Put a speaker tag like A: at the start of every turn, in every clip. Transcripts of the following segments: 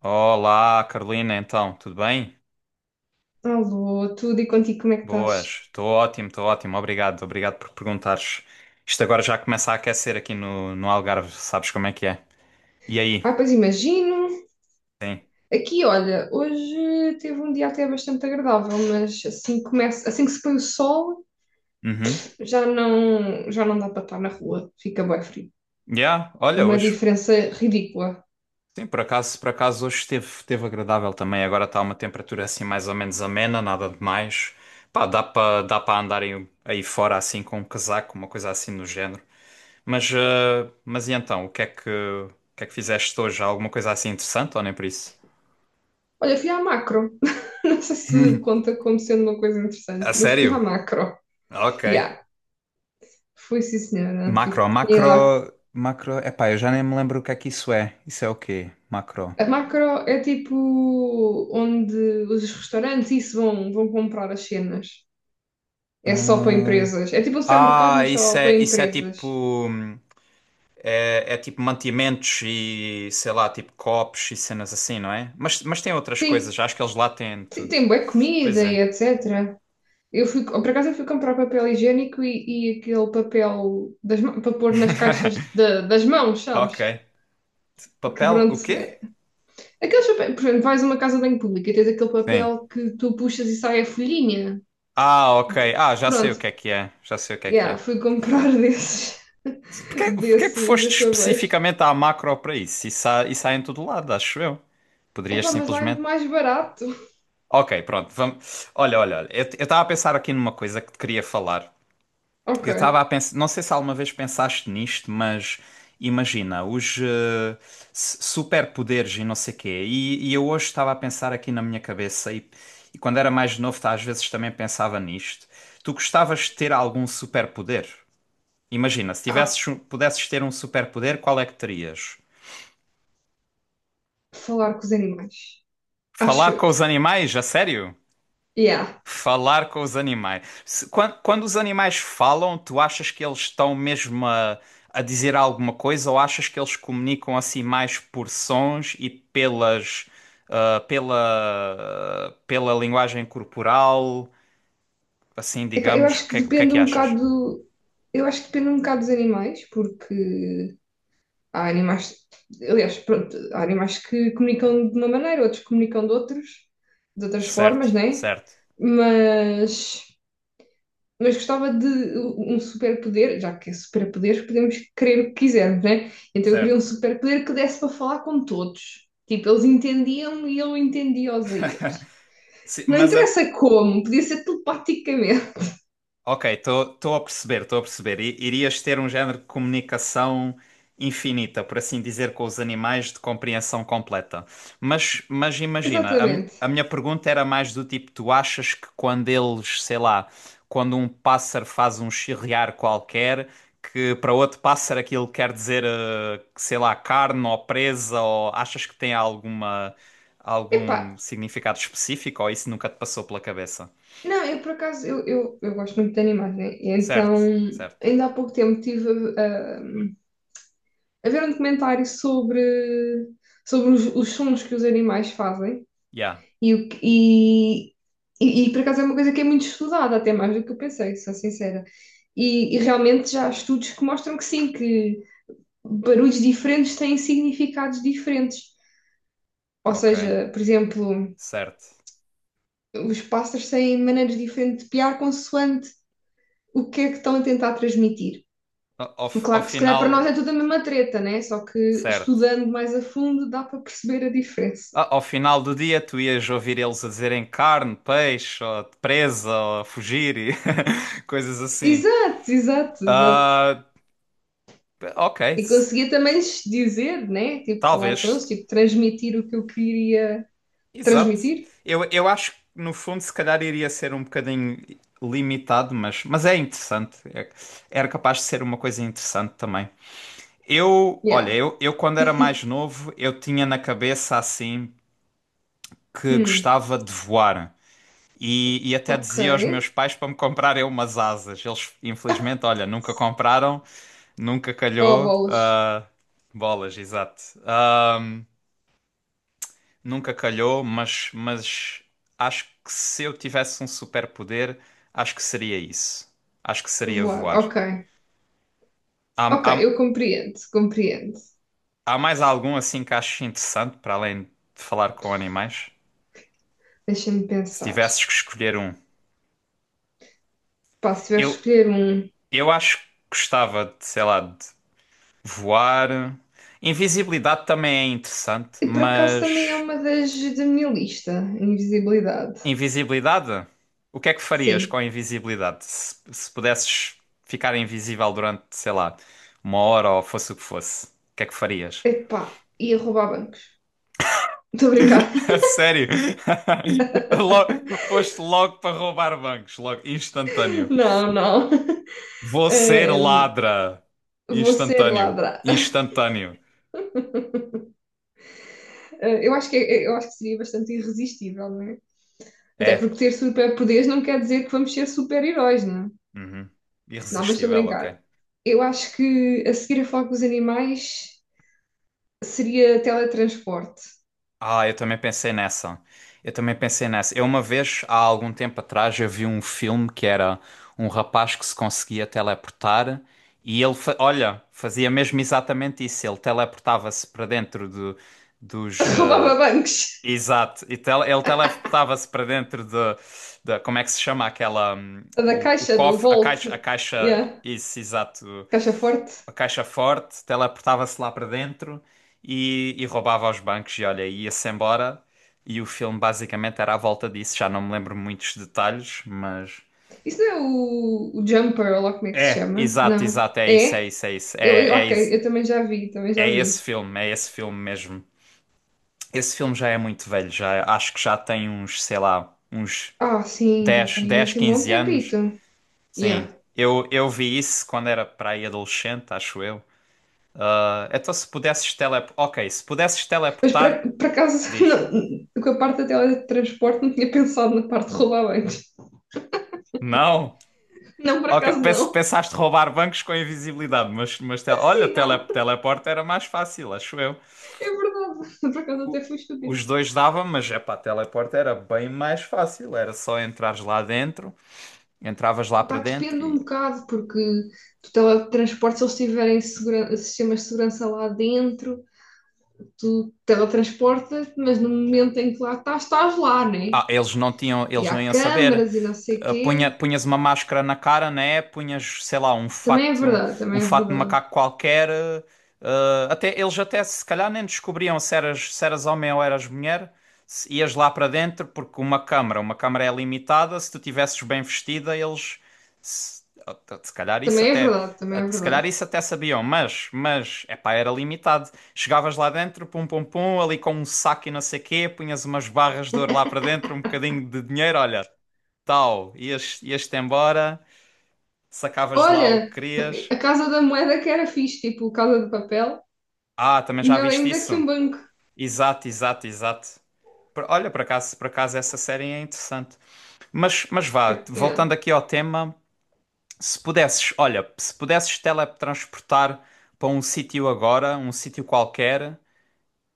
A: Olá, Carolina, então, tudo bem?
B: Alô, tudo e contigo, como é que estás?
A: Boas, estou ótimo, obrigado, obrigado por perguntares. Isto agora já começa a aquecer aqui no Algarve, sabes como é que é? E aí?
B: Ah, pois imagino.
A: Sim.
B: Aqui, olha, hoje teve um dia até bastante agradável, mas assim que começa, assim que se põe o sol,
A: Uhum.
B: já não dá para estar na rua, fica bem frio.
A: Yeah,
B: É
A: olha,
B: uma
A: hoje,
B: diferença ridícula.
A: sim, por acaso hoje esteve agradável também, agora está uma temperatura assim mais ou menos amena, nada demais. Pá, dá para andar aí fora assim com um casaco, uma coisa assim do género. Mas e então, o que é que fizeste hoje? Alguma coisa assim interessante ou nem por isso?
B: Olha, fui à macro. Não sei se conta como sendo uma coisa
A: A
B: interessante, mas fui à
A: sério?
B: macro.
A: Ok.
B: Yeah, fui sim, senhora. Tive
A: Macro,
B: que ir lá.
A: macro, macro. Epá, eu já nem me lembro o que é que isso é. Isso é o quê? Macro.
B: A macro é tipo onde os restaurantes isso vão comprar as cenas. É só para
A: Hum.
B: empresas. É tipo um supermercado,
A: Ah,
B: mas só
A: isso
B: para
A: é, isso é tipo.
B: empresas.
A: Hum. É tipo mantimentos e sei lá, tipo copos e cenas assim, não é? Mas tem outras coisas,
B: Sim,
A: acho que eles lá têm
B: sim,
A: tudo.
B: tem bué
A: Pois
B: comida e
A: é.
B: etc. Eu fui, por acaso eu fui comprar papel higiênico e aquele papel das para pôr nas caixas das mãos,
A: Ok.
B: sabes? Que
A: Papel, o
B: pronto,
A: quê?
B: é. Aqueles papéis, por exemplo, vais a uma casa bem pública e tens aquele
A: Sim.
B: papel que tu puxas e sai a folhinha.
A: Ah, ok.
B: De-
A: Ah, já sei
B: Pronto,
A: o que é que é. Já sei o que é que
B: yeah,
A: é.
B: fui comprar desses,
A: Porquê é que
B: desses,
A: foste
B: desses papéis.
A: especificamente à macro para isso? Isso há em todo lado, acho eu. Poderias
B: Epá, mas lá é muito
A: simplesmente.
B: mais barato.
A: Ok, pronto, vamos. Olha, olha, olha, eu estava a pensar aqui numa coisa que te queria falar.
B: Ok.
A: Eu estava a pensar, não sei se alguma vez pensaste nisto, mas imagina, os superpoderes e não sei quê. E eu hoje estava a pensar aqui na minha cabeça, e quando era mais novo, tá, às vezes também pensava nisto. Tu gostavas de ter algum superpoder? Imagina, se
B: Ah,
A: tivesses, pudesses ter um superpoder, qual é que terias?
B: falar com os animais. Acho
A: Falar com
B: eu.
A: os animais, a sério?
B: Yeah.
A: Falar com os animais. Quando os animais falam, tu achas que eles estão mesmo a dizer alguma coisa ou achas que eles comunicam assim mais por sons e pelas, pela linguagem corporal? Assim,
B: Epá, eu
A: digamos,
B: acho que
A: o que é
B: depende
A: que
B: um
A: achas?
B: bocado. Eu acho que depende um bocado dos animais, porque há animais. Aliás, pronto, há animais que comunicam de uma maneira, outros comunicam de outros, de outras
A: Certo,
B: formas, né?
A: certo,
B: Mas, mas gostava de um superpoder, já que é superpoder, podemos querer o que quisermos, né? Então eu queria um
A: certo.
B: superpoder que desse para falar com todos. Tipo, eles entendiam-me e eu entendia-os a eles.
A: Sim,
B: Não interessa como, podia ser telepaticamente.
A: ok, estou a perceber, estou a perceber. Irias ter um género de comunicação infinita, por assim dizer, com os animais de compreensão completa. Mas imagina,
B: Exatamente.
A: a minha pergunta era mais do tipo: tu achas que quando eles, sei lá, quando um pássaro faz um chirriar qualquer, que para outro pássaro aquilo quer dizer, que, sei lá, carne ou presa, ou achas que tem alguma,
B: Epá,
A: algum significado específico, ou isso nunca te passou pela cabeça?
B: não, eu por acaso, eu gosto muito de animais, né? E
A: Certo,
B: então,
A: certo.
B: ainda há pouco tempo estive a, a ver um documentário sobre os sons que os animais fazem
A: Yeah.
B: e, o que- e, por acaso é uma coisa que é muito estudada, até mais do que eu pensei, sou sincera. E realmente já há estudos que mostram que sim, que barulhos diferentes têm significados diferentes. Ou
A: Ok,
B: seja, por exemplo,
A: certo.
B: os pássaros têm maneiras diferentes de piar consoante o que é que estão a tentar transmitir.
A: A- Ao, f- ao
B: Claro que se calhar para nós é
A: final,
B: tudo a mesma treta, né? Só que
A: certo.
B: estudando mais a fundo dá para perceber a diferença.
A: Ao final do dia, tu ias ouvir eles a dizerem carne, peixe, ou presa, ou fugir e coisas assim.
B: Exato, exato, exato.
A: Ah, ok,
B: E conseguia também lhes dizer, né? Tipo, falar com
A: talvez.
B: eles, tipo, transmitir o que eu queria
A: Exato.
B: transmitir.
A: Eu acho que, no fundo, se calhar iria ser um bocadinho limitado, mas é interessante. Era capaz de ser uma coisa interessante também. Eu, olha,
B: Yeah.
A: eu, eu quando era mais novo, eu tinha na cabeça assim. Que
B: Hum,
A: gostava de voar. E até dizia aos meus
B: ok.
A: pais para me comprarem umas asas. Eles, infelizmente, olha, nunca compraram, nunca
B: Oh,
A: calhou.
B: bolas.
A: Ah, bolas, exato. Ah, nunca calhou, mas acho que se eu tivesse um superpoder, acho que seria isso. Acho que seria
B: Voar,
A: voar.
B: ok.
A: Há,
B: Ok,
A: há,
B: eu compreendo, compreendo.
A: há mais algum assim que aches interessante para além de falar com animais?
B: Deixa-me
A: Se
B: pensar.
A: tivesses que escolher um.
B: Pá, se tiver a
A: Eu,
B: escolher um.
A: eu acho que gostava de, sei lá, de voar. Invisibilidade também é interessante,
B: E por acaso também é
A: mas
B: uma das da minha lista, invisibilidade.
A: invisibilidade? O que é que farias com
B: Sim,
A: a invisibilidade? Se pudesses ficar invisível durante, sei lá, uma hora ou fosse, o que é que farias?
B: epá, ia roubar bancos. Estou a brincar.
A: A sério? Logo, foste logo para roubar bancos, logo, instantâneo.
B: Não, não.
A: Vou ser
B: Ahm,
A: ladra.
B: Vou ser
A: Instantâneo.
B: ladra. Ah,
A: Instantâneo.
B: eu acho que, é, eu acho que seria bastante irresistível, não é? Até
A: É.
B: porque ter superpoderes não quer dizer que vamos ser super-heróis, não é?
A: Uhum.
B: Não, mas estou a
A: Irresistível, ok.
B: brincar. Eu acho que a seguir a falar com os animais seria teletransporte.
A: Ah, eu também pensei nessa. Eu também pensei nessa. Eu uma vez, há algum tempo atrás, eu vi um filme que era um rapaz que se conseguia teleportar e ele, olha, fazia mesmo exatamente isso. Ele teleportava-se para dentro do, dos. eh,
B: Roubava bancos.
A: exato. E ele teleportava-se para dentro de, como é que se chama aquela?
B: Da
A: O
B: caixa, do
A: cofre, a
B: Volt.
A: caixa, a caixa...
B: Yeah.
A: Isso, exato,
B: Caixa forte.
A: uma caixa forte, teleportava-se lá para dentro e roubava aos bancos e olha, ia-se embora. E o filme basicamente era à volta disso, já não me lembro muitos detalhes, mas
B: Isso é o Jumper, ou lá como é que se
A: é,
B: chama?
A: exato,
B: Não.
A: exato, é isso, é
B: É?
A: isso, é isso. É, é,
B: Ok,
A: is-
B: eu também já vi, também já
A: é
B: vi.
A: esse filme, é esse filme, mesmo. Esse filme já é muito velho, já acho que já tem uns, sei lá, uns
B: Ah, sim, já
A: 10
B: tem
A: 10
B: assim um bom
A: 15
B: tempito.
A: anos. Sim.
B: Yeah.
A: Eu vi isso quando era para aí adolescente, acho eu. Ah, então se pudesses teleportar. Ok, se pudesses
B: Mas por,
A: teleportar,
B: por acaso,
A: diz.
B: não, com a parte da teletransporte, não tinha pensado na parte de rodabantes.
A: Não?
B: Não, por
A: Ok,
B: acaso não.
A: pensaste roubar bancos com invisibilidade, mas tele- olha,
B: Sim,
A: tele,
B: não.
A: teleporte era mais fácil, acho eu.
B: É verdade. Por acaso até
A: O-
B: fui estúpida.
A: os dois dava, mas é pá, teleporte era bem mais fácil, era só entrares lá dentro, entravas lá para
B: Pá,
A: dentro.
B: depende um bocado, porque do teletransporte, se eles tiverem sistemas de segurança lá dentro. Tu teletransportas, mas no momento em que lá estás, estás lá, né?
A: Ah, eles não tinham,
B: E
A: eles
B: há
A: não iam saber.
B: câmaras e não sei o
A: Ah, punha,
B: quê.
A: punhas uma máscara na cara, né? Punhas, sei lá,
B: Também é verdade,
A: um
B: também é
A: fato de
B: verdade.
A: macaco qualquer. Ah, até, eles até se calhar nem descobriam se eras, se eras homem ou eras mulher. Se ias lá para dentro, porque uma câmara é limitada. Se tu tivesses bem vestida, eles se, ah, se calhar isso
B: Também é
A: até,
B: verdade, também é
A: se calhar
B: verdade.
A: isso até sabiam, mas, epá, era limitado. Chegavas lá dentro, pum pum pum, ali com um saco e não sei quê, punhas umas barras de ouro lá para dentro, um bocadinho de dinheiro, olha, tal, ias-te embora, sacavas de lá o
B: Olha,
A: que querias.
B: a Casa da Moeda que era fixe, tipo Casa de Papel,
A: Ah, também já
B: melhor
A: viste
B: ainda que
A: isso?
B: um banco.
A: Exato, exato, exato. Olha, por acaso essa série é interessante. Mas vá,
B: Yeah.
A: voltando aqui ao tema, se pudesses, olha, se pudesses teletransportar para um sítio agora, um sítio qualquer,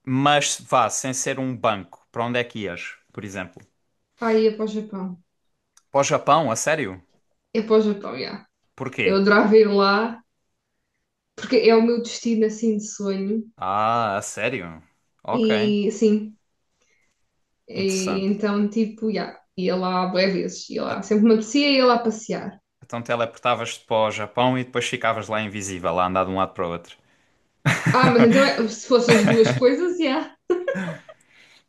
A: mas vá, sem ser um banco, para onde é que ias, por exemplo?
B: Pá, ia para o Japão.
A: Para o Japão, a sério?
B: Ia para o Japão, yeah.
A: Porquê?
B: Eu adorava ir lá, porque é o meu destino, assim, de sonho.
A: Ah, a sério? Ok,
B: E, sim,
A: interessante.
B: tipo, yeah, ia lá bué vezes, ia
A: A-
B: lá. Sempre me apetecia, ia lá passear.
A: então teleportavas-te para o Japão e depois ficavas lá invisível, a andar de um lado para o outro.
B: Ah, mas então se fossem as duas coisas, yeah.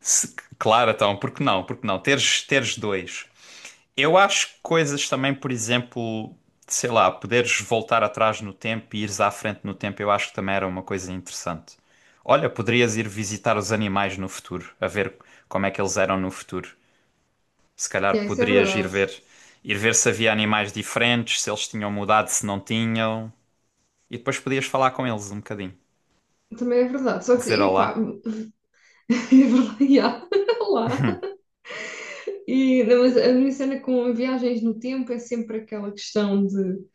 A: Claro, então, porque não? Porque não? Teres dois. Eu acho que coisas também, por exemplo, sei lá, poderes voltar atrás no tempo e ires à frente no tempo, eu acho que também era uma coisa interessante. Olha, poderias ir visitar os animais no futuro, a ver como é que eles eram no futuro. Se calhar
B: Yeah, isso é
A: poderias ir
B: verdade.
A: ver, ir ver se havia animais diferentes, se eles tinham mudado, se não tinham. E depois podias falar com eles um bocadinho.
B: Também é verdade. Só que,
A: Dizer
B: epá,
A: olá.
B: é verdade, yeah. Não, mas a minha cena com viagens no tempo é sempre aquela questão de...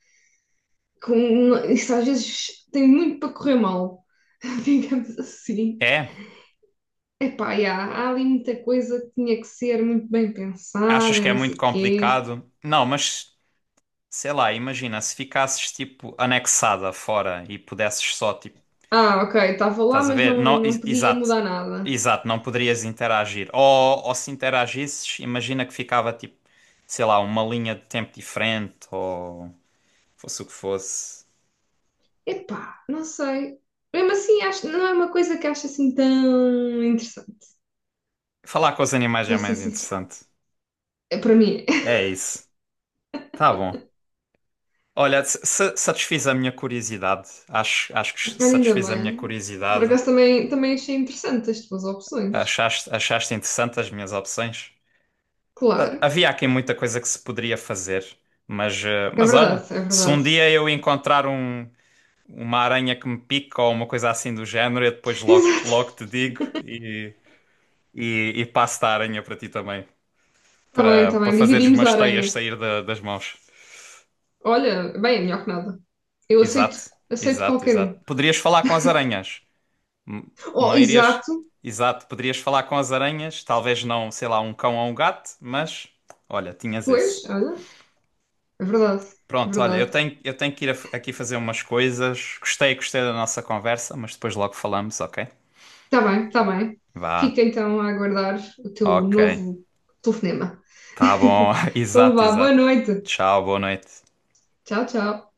B: Com, isso às vezes tem muito para correr mal, digamos assim.
A: É?
B: Epá, yeah, há ali muita coisa que tinha que ser muito bem
A: Achas
B: pensada
A: que
B: e
A: é
B: não
A: muito
B: sei o quê.
A: complicado? Não, mas sei lá, imagina se ficasses tipo anexada fora e pudesses só tipo.
B: Ah, ok, estava lá,
A: Estás a
B: mas
A: ver? Não,
B: não podia
A: exato.
B: mudar nada.
A: Exato, não poderias interagir. Ou se interagisses, imagina que ficava tipo, sei lá, uma linha de tempo diferente ou fosse o que fosse.
B: Epá, não sei. Mesmo assim, acho, não é uma coisa que acho assim tão interessante,
A: Falar com os animais é
B: para ser
A: mais
B: sincera.
A: interessante.
B: É, para mim, é.
A: É isso. Tá bom. Olha, satisfiz a minha curiosidade. Acho que
B: Olha, ainda
A: satisfiz a minha
B: bem. Por
A: curiosidade.
B: acaso também, também achei interessante as tuas opções.
A: Achaste interessante as minhas opções? Ah,
B: Claro,
A: havia aqui muita coisa que se poderia fazer, mas, eh,
B: é
A: mas olha,
B: verdade, é
A: se um
B: verdade.
A: dia eu encontrar um, uma aranha que me pica ou uma coisa assim do género, eu depois logo,
B: Exato.
A: logo te digo e passo da aranha para ti também, para,
B: Está
A: para
B: bem,
A: fazeres
B: dividimos a
A: umas teias
B: aranha.
A: sair da- das mãos.
B: Olha, bem, é melhor que nada. Eu
A: Exato,
B: aceito, aceito
A: exato,
B: qualquer
A: exato.
B: um.
A: Poderias falar com as aranhas. Hum.
B: Oh,
A: Não irias.
B: exato,
A: Exato, poderias falar com as aranhas, talvez não, sei lá, um cão ou um gato, mas olha, tinhas esse.
B: pois, olha, é verdade, é
A: Pronto, olha, eu
B: verdade.
A: tenho, eu tenho que ir aqui fazer umas coisas. Gostei, gostei da nossa conversa, mas depois logo falamos, ok?
B: Está bem, está bem.
A: Vá.
B: Fica então a aguardar o teu
A: Ok.
B: novo telefonema.
A: Tá bom.
B: Então
A: Exato,
B: vá, boa
A: exato.
B: noite.
A: Tchau, boa noite.
B: Tchau, tchau.